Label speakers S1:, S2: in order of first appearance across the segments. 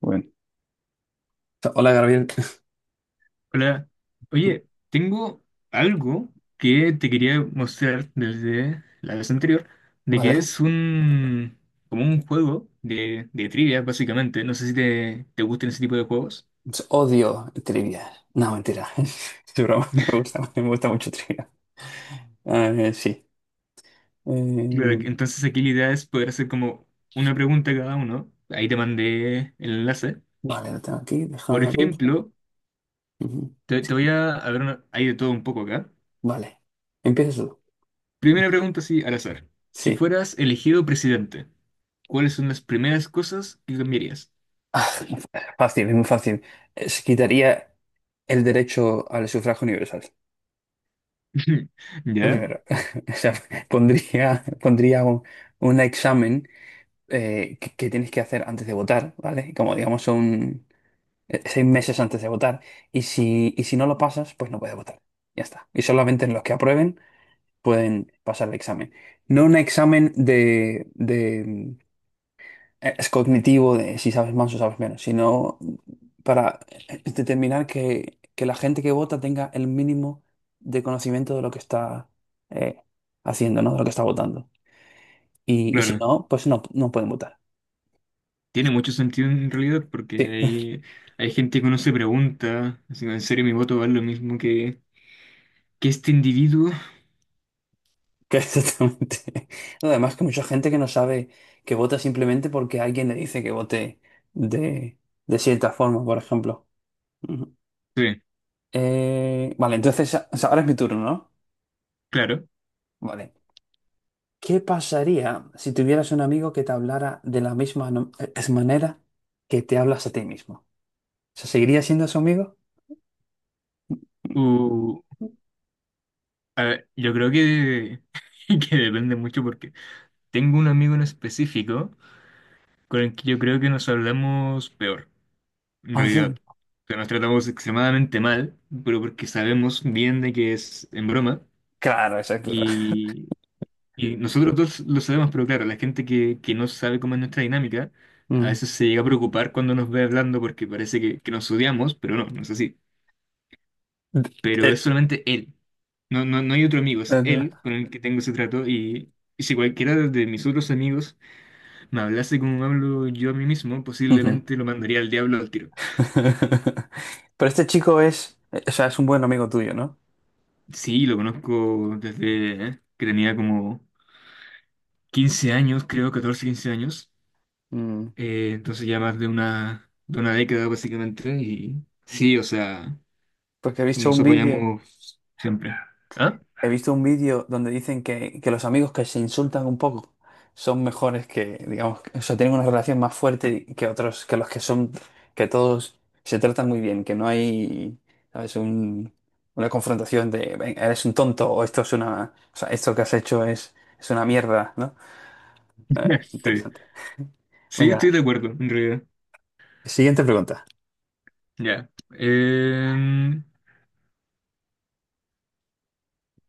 S1: Bueno, hola, Gabriel.
S2: Hola, oye, tengo algo que te quería mostrar desde la vez anterior, de que
S1: Vale.
S2: es un como un juego de trivia, básicamente. No sé si te gustan ese tipo de juegos.
S1: Pues odio trivia. No, mentira. Es broma. Me gusta mucho trivia. A sí.
S2: Claro,
S1: Eh,
S2: entonces aquí la idea es poder hacer como una pregunta cada uno. Ahí te mandé el enlace.
S1: vale, lo tengo aquí.
S2: Por
S1: Déjame abrirlo.
S2: ejemplo,
S1: Ujú.
S2: te voy a ver, hay de todo un poco acá.
S1: Vale. ¿Empiezas tú?
S2: Primera pregunta, sí, al azar. Si
S1: Sí.
S2: fueras elegido presidente, ¿cuáles son las primeras cosas que cambiarías?
S1: Ah, fácil, es muy fácil. Se quitaría el derecho al sufragio universal. Lo
S2: Ya,
S1: primero. O sea, pondría un examen que tienes que hacer antes de votar, ¿vale? Como digamos un seis meses antes de votar. Y si no lo pasas, pues no puedes votar. Ya está. Y solamente en los que aprueben pueden pasar el examen. No un examen de es cognitivo, de si sabes más o sabes menos, sino para determinar que la gente que vota tenga el mínimo de conocimiento de lo que está eh, haciendo, ¿no? De lo que está votando. Y si
S2: claro.
S1: no, pues no pueden votar.
S2: Tiene mucho sentido en realidad porque
S1: Sí.
S2: hay gente que uno se pregunta, así, ¿en serio mi voto vale lo mismo que este individuo?
S1: Que exactamente. No, además que mucha gente que no sabe que vota simplemente porque alguien le dice que vote de, de cierta forma, por ejemplo. Ujú.
S2: Sí,
S1: Vale, entonces o sea, ahora es mi turno, ¿no?
S2: claro.
S1: Vale. ¿Qué pasaría si tuvieras un amigo que te hablara de la misma no- es manera que te hablas a ti mismo? ¿Se seguiría siendo su amigo?
S2: O, a ver, yo creo que, que depende mucho porque tengo un amigo en específico con el que yo creo que nos hablamos peor, en
S1: Ah,
S2: realidad.
S1: sí.
S2: O sea, nos tratamos extremadamente mal, pero porque sabemos bien de que es en broma.
S1: Claro, exacto.
S2: Y nosotros dos lo sabemos, pero claro, la gente que no sabe cómo es nuestra dinámica, a
S1: Mm.
S2: veces se llega a preocupar cuando nos ve hablando porque parece que nos odiamos, pero no, no es así. Pero es
S1: Eh,
S2: solamente él. No, no, no hay otro amigo, es él
S1: no.
S2: con el que tengo ese trato y si cualquiera de mis otros amigos me hablase como hablo yo a mí mismo,
S1: Ujú.
S2: posiblemente lo mandaría al diablo al tiro.
S1: Pero este chico es, o sea, es un buen amigo tuyo, ¿no?
S2: Sí, lo conozco desde ¿eh? Que tenía como 15 años, creo, 14 15 años.
S1: Mm,
S2: Entonces ya más de de una década básicamente y sí, o sea,
S1: porque he visto
S2: nos
S1: un vídeo,
S2: apoyamos siempre. ¿Ah?
S1: he visto un vídeo donde dicen que los amigos que se insultan un poco son mejores que, digamos, o sea, tienen una relación más fuerte que otros, que los que son, que todos se tratan muy bien, que no hay, ¿sabes? Una confrontación de: "Ven, eres un tonto o esto es una, o sea, esto que has hecho es una mierda", ¿no?
S2: Sí,
S1: Interesante.
S2: sí, estoy
S1: Venga,
S2: de acuerdo, en realidad.
S1: siguiente pregunta.
S2: Ya.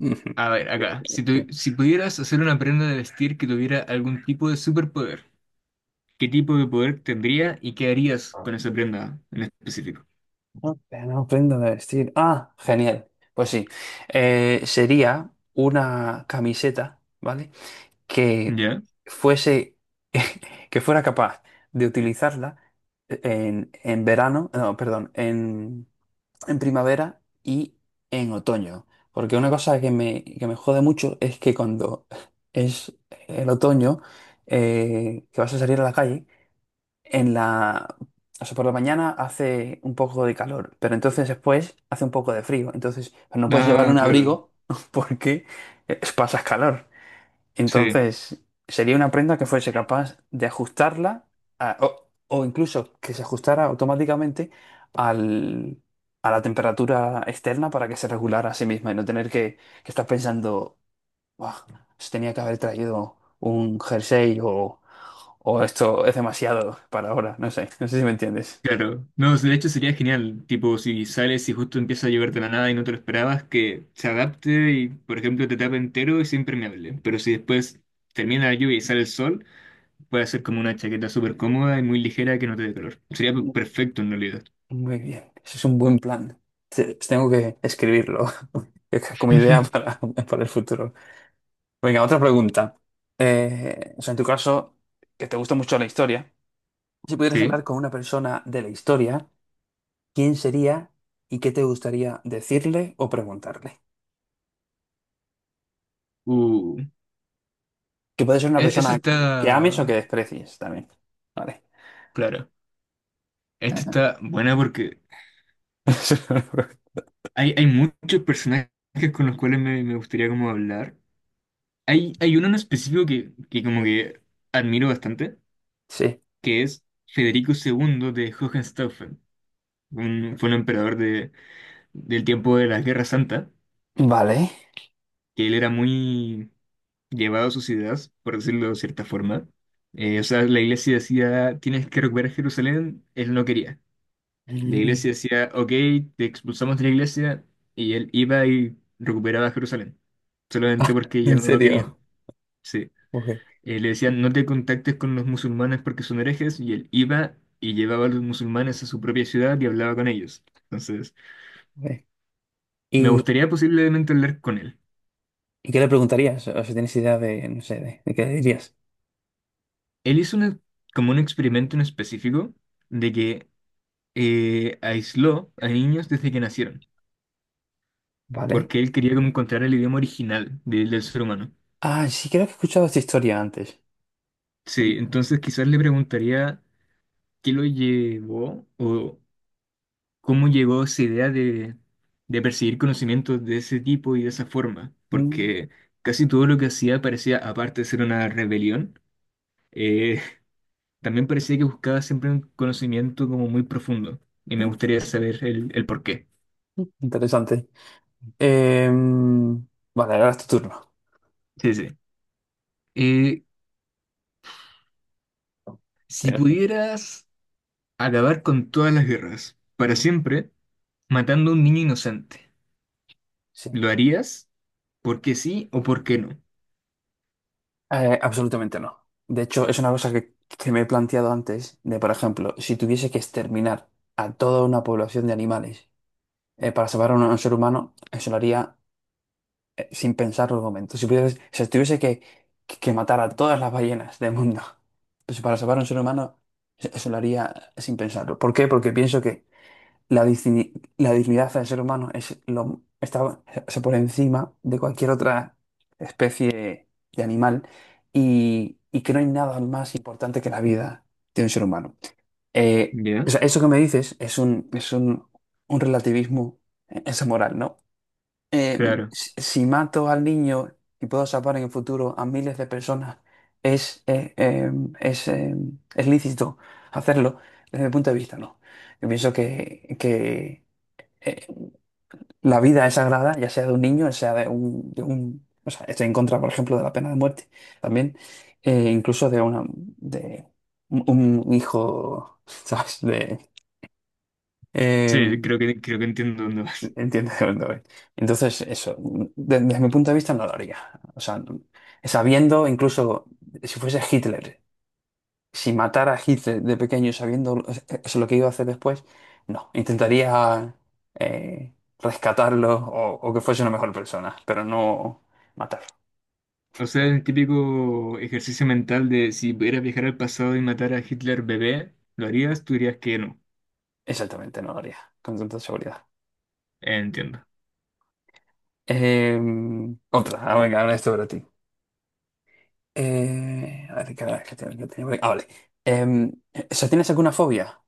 S1: Ujú.
S2: A ver, acá, si,
S1: Sí.
S2: si pudieras hacer una prenda de vestir que tuviera algún tipo de superpoder, ¿qué tipo de poder tendría y qué harías con esa prenda en específico?
S1: No, no prenda de vestir. Ah, genial. Pues sí. Sería una camiseta, ¿vale? Que
S2: ¿Ya?
S1: fuese, que fuera capaz de utilizarla en verano, no, perdón, en primavera y en otoño. Porque una cosa que me jode mucho es que cuando es el otoño, que vas a salir a la calle, en la, o sea, por la mañana hace un poco de calor, pero entonces después hace un poco de frío. Entonces pues no puedes llevar
S2: Ah,
S1: un
S2: claro.
S1: abrigo porque pasas calor.
S2: Sí.
S1: Entonces sería una prenda que fuese capaz de o incluso que se ajustara automáticamente al, a la temperatura externa para que se regulara a sí misma y no tener que estar pensando. Buah, se tenía que haber traído un jersey o esto es demasiado para ahora. No sé, no sé si me entiendes.
S2: Claro, no, de hecho sería genial, tipo si sales y justo empieza a llover de la nada y no te lo esperabas, que se adapte y por ejemplo te tape entero y sea impermeable, pero si después termina la lluvia y sale el sol, puede ser como una chaqueta súper cómoda y muy ligera que no te dé calor. Sería
S1: Mm.
S2: perfecto en realidad.
S1: Muy bien, ese es un buen plan. Te- Tengo que escribirlo como idea para el futuro. Venga, otra pregunta. O sea, en tu caso, que te gusta mucho la historia, si pudieras
S2: Sí,
S1: hablar con una persona de la historia, ¿quién sería y qué te gustaría decirle o preguntarle?
S2: uh,
S1: Que puede ser una
S2: eso
S1: persona
S2: está
S1: que ames o que desprecies también. Vale.
S2: claro, esta está buena porque hay muchos personajes con los cuales me gustaría como hablar. Hay uno en específico que como que admiro bastante
S1: Sí.
S2: que es Federico II de Hohenstaufen. Fue un emperador del tiempo de la Guerra Santa,
S1: Vale.
S2: que él era muy llevado a sus ideas, por decirlo de cierta forma. O sea, la iglesia decía, tienes que recuperar Jerusalén, él no quería. La
S1: Mm.
S2: iglesia decía, ok, te expulsamos de la iglesia, y él iba y recuperaba Jerusalén, solamente
S1: Ah,
S2: porque ya
S1: ¿en
S2: no lo querían.
S1: serio?
S2: Sí.
S1: Ok,
S2: Le decían, no te contactes con los musulmanes porque son herejes, y él iba y llevaba a los musulmanes a su propia ciudad y hablaba con ellos. Entonces,
S1: ok.
S2: me
S1: ¿Y,
S2: gustaría posiblemente hablar con él.
S1: y qué le preguntarías? O si tienes idea de, no sé, de qué le dirías.
S2: Él hizo una- Como un experimento en específico de que aisló a niños desde que nacieron,
S1: Vale.
S2: porque él quería como encontrar el idioma original del ser humano.
S1: Ah, sí, creo que he escuchado esta historia antes.
S2: Sí, entonces quizás le preguntaría qué lo llevó o ¿cómo llegó esa idea de perseguir conocimientos de ese tipo y de esa forma?
S1: Mm.
S2: Porque casi todo lo que hacía parecía, aparte de ser una rebelión, eh, también parecía que buscaba siempre un conocimiento como muy profundo. Y me
S1: mm,
S2: gustaría saber el por qué.
S1: Interesante. Em, vale, ahora es tu turno.
S2: Sí, sí. Eh, si
S1: Bien.
S2: pudieras acabar con todas las guerras, para siempre, matando a un niño inocente,
S1: Sí.
S2: ¿lo harías? ¿Por qué sí o por qué no?
S1: Absolutamente no. De hecho, es una cosa que me he planteado antes, de por ejemplo, si tuviese que exterminar a toda una población de animales para salvar a a un ser humano, eso lo haría sin pensarlo un momento. Si tuviese que matar a todas las ballenas del mundo, pues para salvar a un ser humano, eso lo haría sin pensarlo. ¿Por qué? Porque pienso que la, digni- la dignidad del ser humano está está por encima de cualquier otra especie de animal y que no hay nada más importante que la vida de un ser humano.
S2: ¿Ya?
S1: O sea, eso que me dices es un relativismo, es moral, ¿no?
S2: Claro.
S1: Si si mato al niño y puedo salvar en el futuro a miles de personas, es, eh, eh, es, eh, es lícito hacerlo desde mi punto de vista, ¿no? Yo pienso que eh, la vida es sagrada, ya sea de un niño, ya sea de un... O sea, estoy en contra, por ejemplo, de la pena de muerte también, incluso de una de un hijo, ¿sabes? Eh,
S2: Sí, creo que entiendo dónde vas.
S1: Entiendo de dónde voy. Entonces, desde mi punto de vista no lo haría. O sea, no- Sabiendo, incluso si fuese Hitler, si matara a Hitler de pequeño, sabiendo es lo que iba a hacer después, no. Intentaría eh, rescatarlo o que fuese una mejor persona, pero no matarlo.
S2: O sea, el típico ejercicio mental de si pudieras viajar al pasado y matar a Hitler bebé, ¿lo harías? Tú dirías que no.
S1: Exactamente, no lo haría, con tanta seguridad.
S2: Entiendo.
S1: Eh, Venga, ahora esto para ti. A ver, ¿qué tengo por aquí? Ah, vale. Em, ¿Tienes alguna fobia?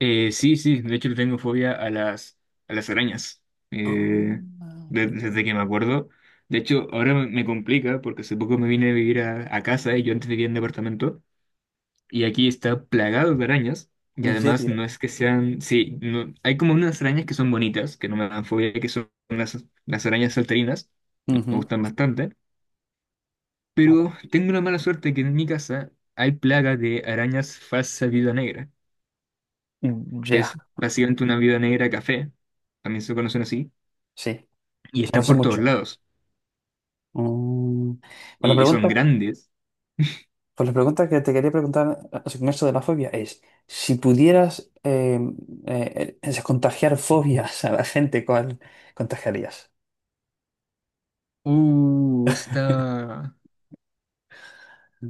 S2: Sí, sí, de hecho le tengo fobia a a las arañas.
S1: Ah,
S2: Eh, Desde
S1: entiendo.
S2: que me acuerdo. De hecho, ahora me complica porque hace poco me vine a vivir a casa y yo antes vivía en departamento y aquí está plagado de arañas. Y
S1: ¿En
S2: además
S1: serio?
S2: no es que sean, sí, hay como unas arañas que son bonitas, que no me dan fobia, que son las arañas salterinas, me
S1: Ujú.
S2: gustan bastante. Pero
S1: Vale.
S2: tengo una mala suerte que en mi casa hay plaga de arañas falsa viuda negra,
S1: Mm,
S2: que
S1: ya,
S2: es básicamente una viuda negra café, también se conocen así,
S1: sí,
S2: y
S1: o sea, no
S2: están
S1: sé
S2: por todos
S1: mucho.
S2: lados,
S1: Mm. Pues la
S2: y son
S1: pregunta,
S2: grandes.
S1: pues la pregunta que te quería preguntar con esto de la fobia es, si pudieras contagiar fobias a la gente, ¿cuál contagiarías?
S2: Está...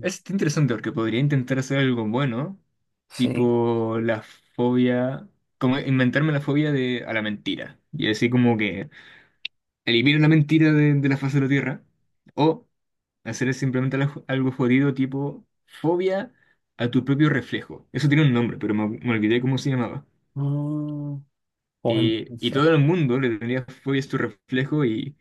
S2: Está interesante porque podría intentar hacer algo bueno,
S1: Sí.
S2: tipo la fobia, como inventarme la fobia de, a la mentira, y así como que elimino la mentira de la faz de la Tierra, o hacer es simplemente algo jodido tipo fobia a tu propio reflejo. Eso tiene un nombre, pero me olvidé cómo se llamaba.
S1: Mm, bueno, no
S2: Y
S1: sé.
S2: todo el mundo le tendría fobia a su reflejo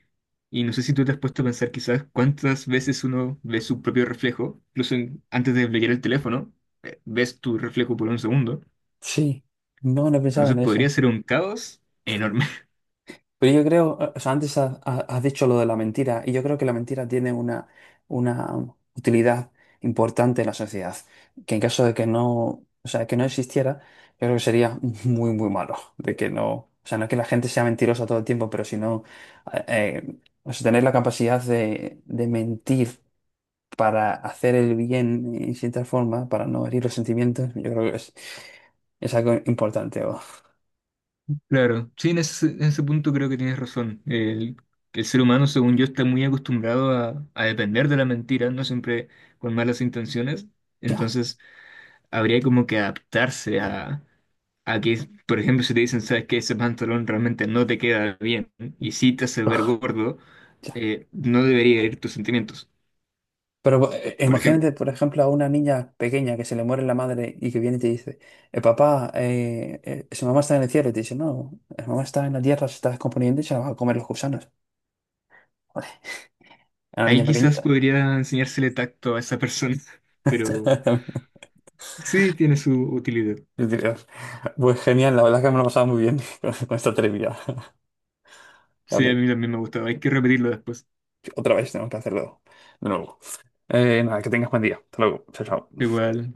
S2: y no sé si tú te has puesto a pensar quizás cuántas veces uno ve su propio reflejo, incluso antes de leer el teléfono, ves tu reflejo por un segundo.
S1: Sí, no, no he pensado en
S2: Entonces
S1: eso.
S2: podría ser un caos enorme.
S1: Pero yo creo, o sea, antes has dicho lo de la mentira, y yo creo que la mentira tiene una utilidad importante en la sociedad, que en caso de que no, o sea, que no existiera, yo creo que sería muy, muy malo, de que no, o sea, no que la gente sea mentirosa todo el tiempo, pero sino, eh, eh, o sea, tener la capacidad de mentir para hacer el bien en cierta forma, para no herir los sentimientos, yo creo que es algo importante.
S2: Claro, sí, en en ese punto creo que tienes razón. El ser humano, según yo, está muy acostumbrado a depender de la mentira, no siempre con malas intenciones.
S1: Ya,
S2: Entonces, habría como que adaptarse a que, por ejemplo, si te dicen, sabes que ese pantalón realmente no te queda bien y si te hace ver gordo,
S1: ya.
S2: no debería ir tus sentimientos,
S1: Pero
S2: por ejemplo.
S1: imagínate, por ejemplo, a una niña pequeña que se le muere la madre y que viene y te dice: papá, su mamá está en el cielo. Y te dice: no, su mamá está en la tierra, se está descomponiendo y se la van a comer los gusanos. Joder, a una
S2: Ahí
S1: niña
S2: quizás
S1: pequeñita.
S2: podría enseñársele tacto a esa persona, pero sí tiene su utilidad.
S1: Yo diría, pues genial, la verdad es que me lo he pasado muy bien con esta trivia,
S2: Sí, a
S1: Gabriel.
S2: mí también me ha gustado, hay que repetirlo después.
S1: Otra vez tenemos que hacerlo de nuevo. Nada, que tengas buen día. Hasta luego. Chao, chao.
S2: Igual.